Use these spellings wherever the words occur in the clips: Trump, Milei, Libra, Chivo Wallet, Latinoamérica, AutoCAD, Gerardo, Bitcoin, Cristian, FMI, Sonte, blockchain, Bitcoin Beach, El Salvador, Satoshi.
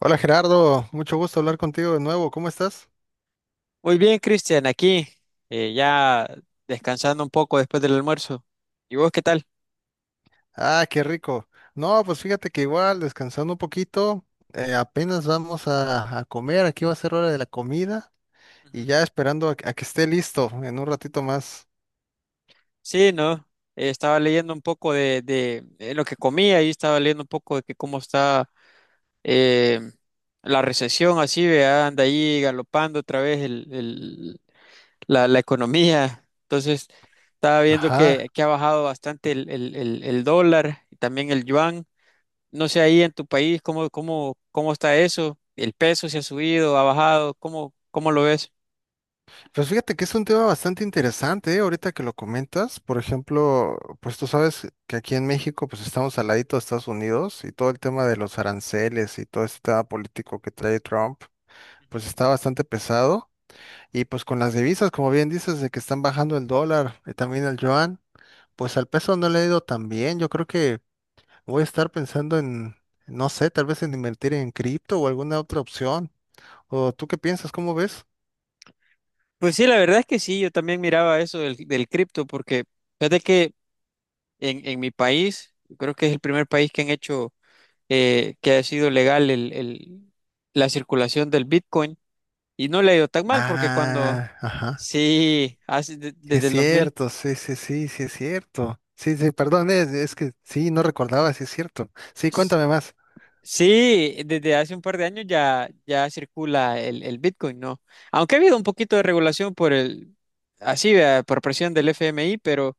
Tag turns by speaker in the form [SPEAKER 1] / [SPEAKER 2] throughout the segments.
[SPEAKER 1] Hola Gerardo, mucho gusto hablar contigo de nuevo, ¿cómo estás?
[SPEAKER 2] Muy bien, Cristian, aquí eh, ya descansando un poco después del almuerzo. ¿Y vos qué tal?
[SPEAKER 1] Ah, qué rico. No, pues fíjate que igual, descansando un poquito, apenas vamos a comer, aquí va a ser hora de la comida y
[SPEAKER 2] Ujú.
[SPEAKER 1] ya esperando a que esté listo en un ratito más.
[SPEAKER 2] Sí, ¿no? Estaba leyendo un poco de lo que comía y estaba leyendo un poco de que cómo está eh, la recesión, así, vea, anda ahí galopando otra vez la economía. Entonces, estaba viendo
[SPEAKER 1] Ajá,
[SPEAKER 2] que ha bajado bastante el dólar y también el yuan. No sé ahí en tu país, cómo está eso? ¿El peso se ha subido, ha bajado? Cómo lo ves?
[SPEAKER 1] pues fíjate que es un tema bastante interesante, ¿eh? Ahorita que lo comentas, por ejemplo, pues tú sabes que aquí en México pues estamos al ladito de Estados Unidos y todo el tema de los aranceles y todo este tema político que trae Trump, pues está bastante pesado. Y pues con las divisas, como bien dices, de que están bajando el dólar y también el yuan, pues al peso no le ha ido tan bien. Yo creo que voy a estar pensando en, no sé, tal vez en invertir en cripto o alguna otra opción. ¿O tú qué piensas? ¿Cómo ves?
[SPEAKER 2] Pues sí, la verdad es que sí, yo también miraba eso del cripto, porque fíjate que en mi país, creo que es el primer país que han hecho, que ha sido legal la circulación del Bitcoin, y no le ha ido tan mal, porque cuando,
[SPEAKER 1] Ah, ajá.
[SPEAKER 2] sí,
[SPEAKER 1] Es
[SPEAKER 2] desde el dos mil.
[SPEAKER 1] cierto, sí, sí, sí, sí, es cierto. Sí, sí, perdón, es que sí, no recordaba, sí, es cierto. Sí, cuéntame más.
[SPEAKER 2] Sí, desde hace un par de años ya, ya circula el Bitcoin, ¿no? Aunque ha habido un poquito de regulación así, vea, por presión del FMI,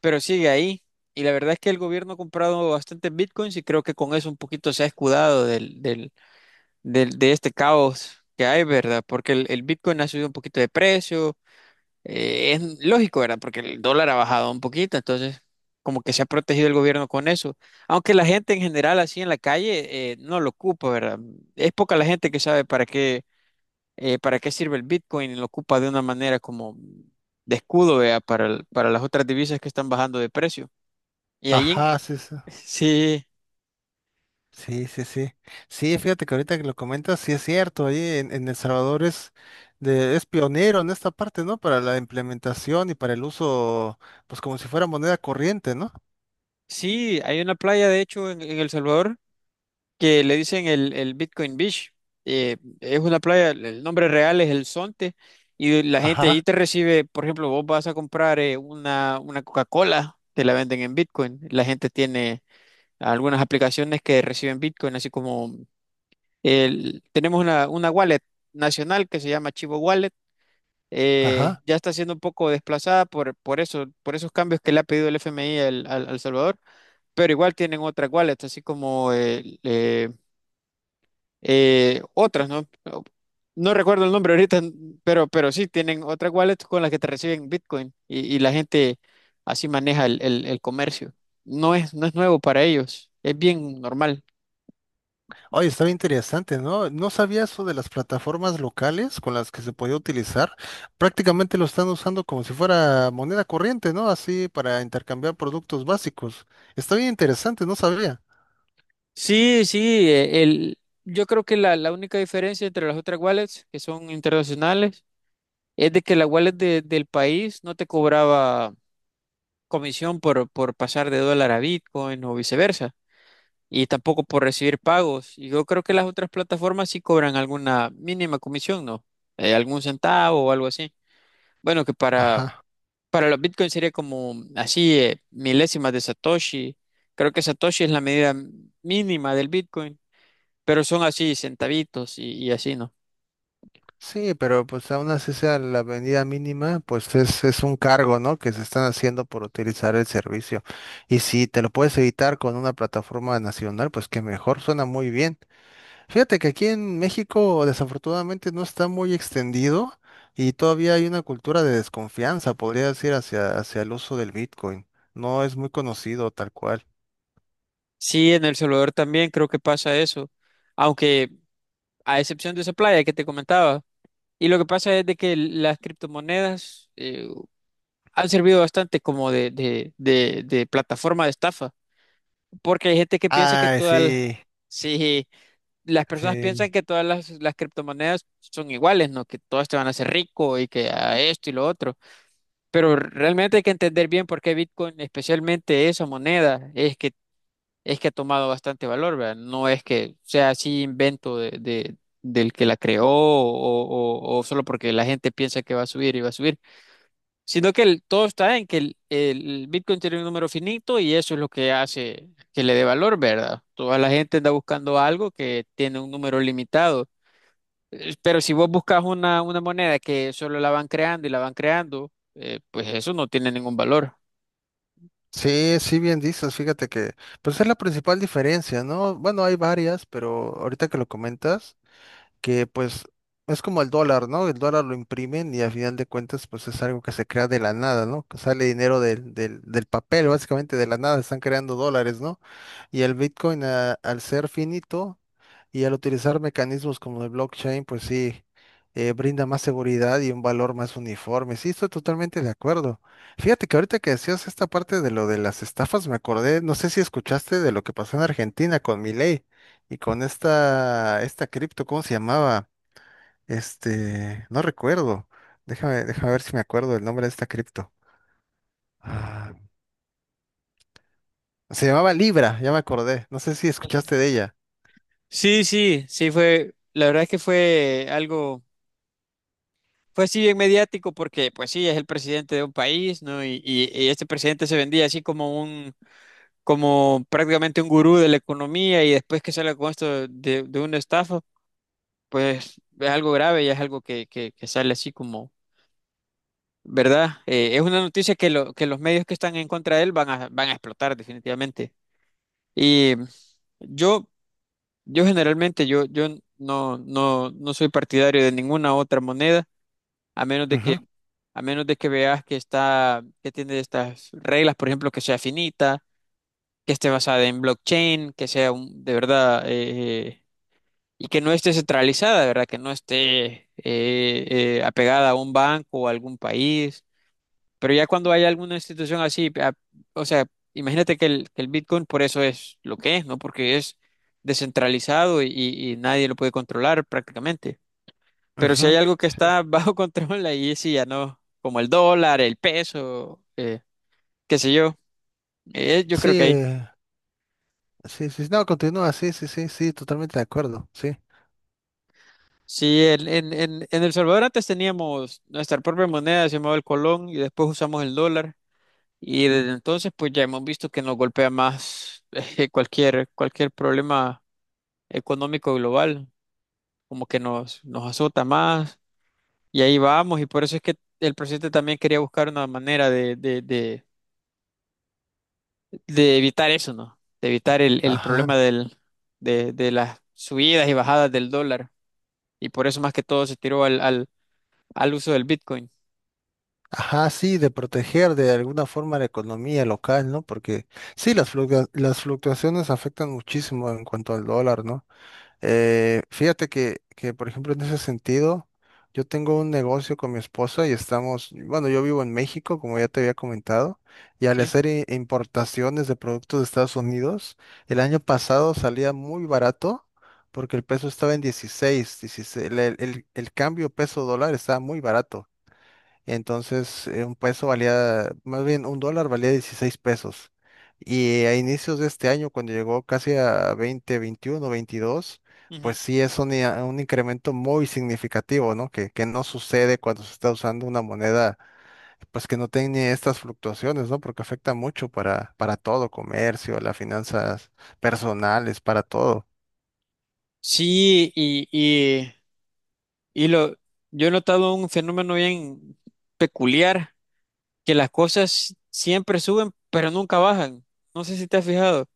[SPEAKER 2] pero sigue ahí. Y la verdad es que el gobierno ha comprado bastantes Bitcoins y creo que con eso un poquito se ha escudado de este caos que hay, ¿verdad? Porque el Bitcoin ha subido un poquito de precio, es lógico, ¿verdad? Porque el dólar ha bajado un poquito, entonces como que se ha protegido el gobierno con eso. Aunque la gente en general así en la calle no lo ocupa, ¿verdad? Es poca la gente que sabe para qué sirve el Bitcoin y lo ocupa de una manera como de escudo, ¿verdad? Para, para las otras divisas que están bajando de precio. Y ahí,
[SPEAKER 1] Ajá, sí, sí.
[SPEAKER 2] sí,
[SPEAKER 1] Sí, sí, sí. Sí, fíjate que ahorita que lo comentas, sí es cierto, ahí en El Salvador es, de, es pionero en esta parte, ¿no? Para la implementación y para el uso, pues como si fuera moneda corriente, ¿no?
[SPEAKER 2] sí, hay una playa, de hecho, en El Salvador, que le dicen el Bitcoin Beach. Eh, es una playa, el nombre real es el Sonte, y la gente
[SPEAKER 1] Ajá,
[SPEAKER 2] ahí te recibe, por ejemplo, vos vas a comprar una Coca-Cola, te la venden en Bitcoin. La gente tiene algunas aplicaciones que reciben Bitcoin, así como el, tenemos una wallet nacional que se llama Chivo Wallet. Eh,
[SPEAKER 1] ajá.
[SPEAKER 2] ya está siendo un poco desplazada por eso, por esos cambios que le ha pedido el FMI al Salvador, pero igual tienen otras wallets, así como el otras, ¿no? No recuerdo el nombre ahorita, pero sí, tienen otras wallets con las que te reciben Bitcoin y la gente así maneja el comercio. No es nuevo para ellos, es bien normal.
[SPEAKER 1] Oye, está bien interesante, ¿no? No sabía eso de las plataformas locales con las que se podía utilizar. Prácticamente lo están usando como si fuera moneda corriente, ¿no? Así para intercambiar productos básicos. Está bien interesante, no sabía.
[SPEAKER 2] Sí, sí, yo creo que la única diferencia entre las otras wallets que son internacionales es de que la wallet del país no te cobraba comisión por pasar de dólar a Bitcoin o viceversa, y tampoco por recibir pagos. Y yo creo que las otras plataformas sí cobran alguna mínima comisión, ¿no? Algún centavo o algo así. Bueno,
[SPEAKER 1] Ajá.
[SPEAKER 2] para los bitcoins sería como así milésimas de Satoshi. Creo que Satoshi es la medida mínima del bitcoin, pero son así centavitos y así, ¿no?
[SPEAKER 1] Sí, pero pues aún así sea la avenida mínima, pues es un cargo, ¿no? Que se están haciendo por utilizar el servicio. Y si te lo puedes evitar con una plataforma nacional, pues que mejor, suena muy bien. Fíjate que aquí en México desafortunadamente no está muy extendido y todavía hay una cultura de desconfianza, podría decir, hacia el uso del Bitcoin. No es muy conocido tal cual.
[SPEAKER 2] Sí, en El Salvador también creo que pasa eso, aunque a excepción de esa playa que te comentaba. Y lo que pasa es de que las criptomonedas, han servido bastante como de plataforma de estafa, porque hay gente que piensa que
[SPEAKER 1] Ay,
[SPEAKER 2] todas las,
[SPEAKER 1] sí,
[SPEAKER 2] sí, las personas
[SPEAKER 1] sí.
[SPEAKER 2] piensan que todas las criptomonedas son iguales, ¿no? Que todas te van a hacer rico y que a esto y lo otro, pero realmente hay que entender bien por qué Bitcoin, especialmente esa moneda, es que ha tomado bastante valor, ¿verdad? No es que sea así invento del que la creó o solo porque la gente piensa que va a subir y va a subir. Sino que todo está en que el Bitcoin tiene un número finito y eso es lo que hace que le dé valor, ¿verdad? Toda la gente anda buscando algo que tiene un número limitado. Pero si vos buscas una moneda que solo la van creando y la van creando, pues eso no tiene ningún valor.
[SPEAKER 1] Sí, sí, bien dices, fíjate que, pues es la principal diferencia, ¿no? Bueno, hay varias, pero ahorita que lo comentas, que pues es como el dólar, ¿no? El dólar lo imprimen y a final de cuentas pues es algo que se crea de la nada, ¿no? Que sale dinero del papel, básicamente de la nada, están creando dólares, ¿no? Y el al ser finito y al utilizar mecanismos como el blockchain, pues sí, brinda más seguridad y un valor más uniforme. Sí, estoy totalmente de acuerdo. Fíjate que ahorita que decías esta parte de lo de las estafas, me acordé, no sé si escuchaste de lo que pasó en Argentina con Milei. Y con esta cripto, ¿cómo se llamaba? Este, no recuerdo. Déjame ver si me acuerdo del nombre de esta cripto. Ah, se llamaba Libra, ya me acordé. No sé si escuchaste de ella.
[SPEAKER 2] Sí, sí, sí fue, la verdad es que fue así bien mediático porque pues sí, es el presidente de un país, ¿no? Y este presidente se vendía así como un como prácticamente un gurú de la economía y después que salga con esto de una estafa, pues es algo grave y es algo que sale así como, ¿verdad? Es una noticia que, lo, que los medios que están en contra de él van a explotar definitivamente. Y yo, yo generalmente, yo no soy partidario de ninguna otra moneda, a menos de que,
[SPEAKER 1] Ujú,
[SPEAKER 2] a menos de que veas que está, que tiene estas reglas, por ejemplo, que sea finita, que esté basada en blockchain, de verdad y que no esté centralizada, de ¿verdad? Que no esté apegada a un banco o a algún país. Pero ya cuando hay alguna institución así, o sea, imagínate que que el Bitcoin por eso es lo que es, ¿no? Porque es descentralizado y nadie lo puede controlar prácticamente. Pero si hay
[SPEAKER 1] ujú.
[SPEAKER 2] algo que está bajo control, ahí sí ya no, como el dólar, el peso, qué sé yo. Yo
[SPEAKER 1] Sí,
[SPEAKER 2] creo que ahí.
[SPEAKER 1] sí, sí, sí. No, continúa, sí, sí, sí, sí, totalmente de acuerdo, sí.
[SPEAKER 2] Sí, en El Salvador antes teníamos nuestra propia moneda, se llamaba el colón, y después usamos el dólar. Y desde entonces, pues ya hemos visto que nos golpea más cualquier, cualquier problema económico global, como que nos azota más. Y ahí vamos, y por eso es que el presidente también quería buscar una manera de evitar eso, ¿no? De evitar el
[SPEAKER 1] Ajá,
[SPEAKER 2] problema de las subidas y bajadas del dólar. Y por eso más que todo se tiró al uso del Bitcoin.
[SPEAKER 1] ajá, sí, de proteger de alguna forma la economía local, ¿no? Porque sí, las fluctuaciones afectan muchísimo en cuanto al dólar, ¿no? Fíjate que, por ejemplo, en ese sentido, yo tengo un negocio con mi esposa y estamos, bueno, yo vivo en México, como ya te había comentado, y al
[SPEAKER 2] Sí.
[SPEAKER 1] hacer importaciones de productos de Estados Unidos, el año pasado salía muy barato porque el peso estaba en 16, el cambio peso dólar estaba muy barato. Entonces, un más bien un dólar valía 16 pesos. Y a inicios de este año, cuando llegó casi a 20, 21, 22, pues sí es un incremento muy significativo, ¿no? Que no sucede cuando se está usando una moneda, pues que no tiene estas fluctuaciones, ¿no? Porque afecta mucho para todo, comercio, las finanzas personales, para todo.
[SPEAKER 2] Sí, y lo, yo he notado un fenómeno bien peculiar, que las cosas siempre suben, pero nunca bajan. No sé si te has fijado,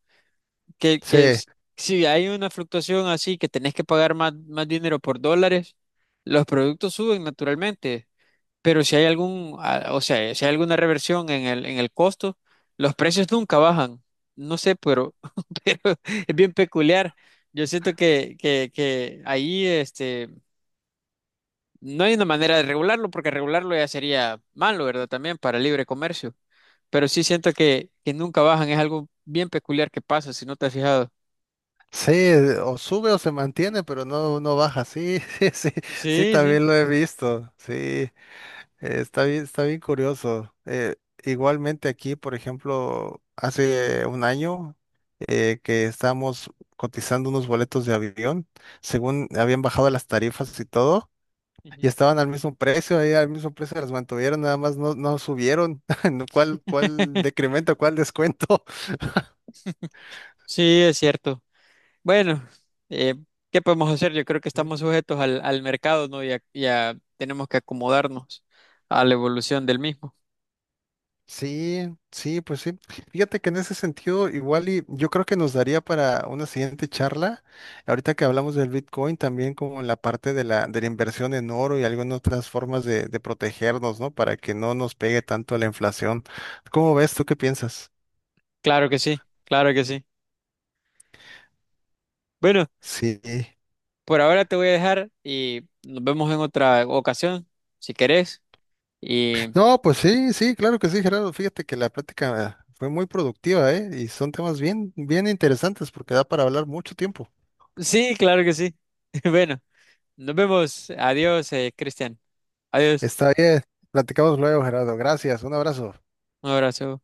[SPEAKER 2] que, que
[SPEAKER 1] Sí.
[SPEAKER 2] s- si hay una fluctuación así, que tenés que pagar más dinero por dólares, los productos suben naturalmente, pero si hay algún, o sea, si hay alguna reversión en el costo, los precios nunca bajan. No sé, pero, pero es bien peculiar. Yo siento que ahí, este... No hay una manera de regularlo, porque regularlo ya sería malo, ¿verdad? También para el libre comercio. Pero sí siento que nunca bajan, es algo bien peculiar que pasa, si no te has fijado.
[SPEAKER 1] Sí, o sube o se mantiene, pero no, no baja. Sí, sí, sí, sí,
[SPEAKER 2] Sí, sí.
[SPEAKER 1] también lo he visto. Sí, está bien curioso. Igualmente aquí, por ejemplo, hace un año que estábamos cotizando unos boletos de avión, según habían bajado las tarifas y todo, y
[SPEAKER 2] Ujú.
[SPEAKER 1] estaban al mismo precio, ahí al mismo precio las mantuvieron, nada más no, no subieron. ¿Cuál, cuál decremento, cuál descuento?
[SPEAKER 2] Sí, es cierto. Bueno, eh, ¿qué podemos hacer? Yo creo que estamos sujetos al mercado, ¿no? Y tenemos que acomodarnos a la evolución del mismo.
[SPEAKER 1] Sí, sí, pues sí. Fíjate que en ese sentido, igual y yo creo que nos daría para una siguiente charla. Ahorita que hablamos del Bitcoin, también como en la parte de de la inversión en oro y algunas otras formas de protegernos, ¿no? Para que no nos pegue tanto la inflación. ¿Cómo ves? ¿Tú qué piensas?
[SPEAKER 2] Claro que sí, claro que sí. Bueno,
[SPEAKER 1] Sí.
[SPEAKER 2] por ahora te voy a dejar y nos vemos en otra ocasión, si querés.
[SPEAKER 1] No, pues sí, sí, claro que sí, Gerardo. Fíjate que la plática fue muy productiva, ¿eh? Y son temas bien, bien interesantes porque da para hablar mucho tiempo.
[SPEAKER 2] Sí, claro que sí. Bueno, nos vemos. Adiós, Cristian. Adiós.
[SPEAKER 1] Está bien. Platicamos luego, Gerardo. Gracias. Un abrazo.
[SPEAKER 2] Un abrazo.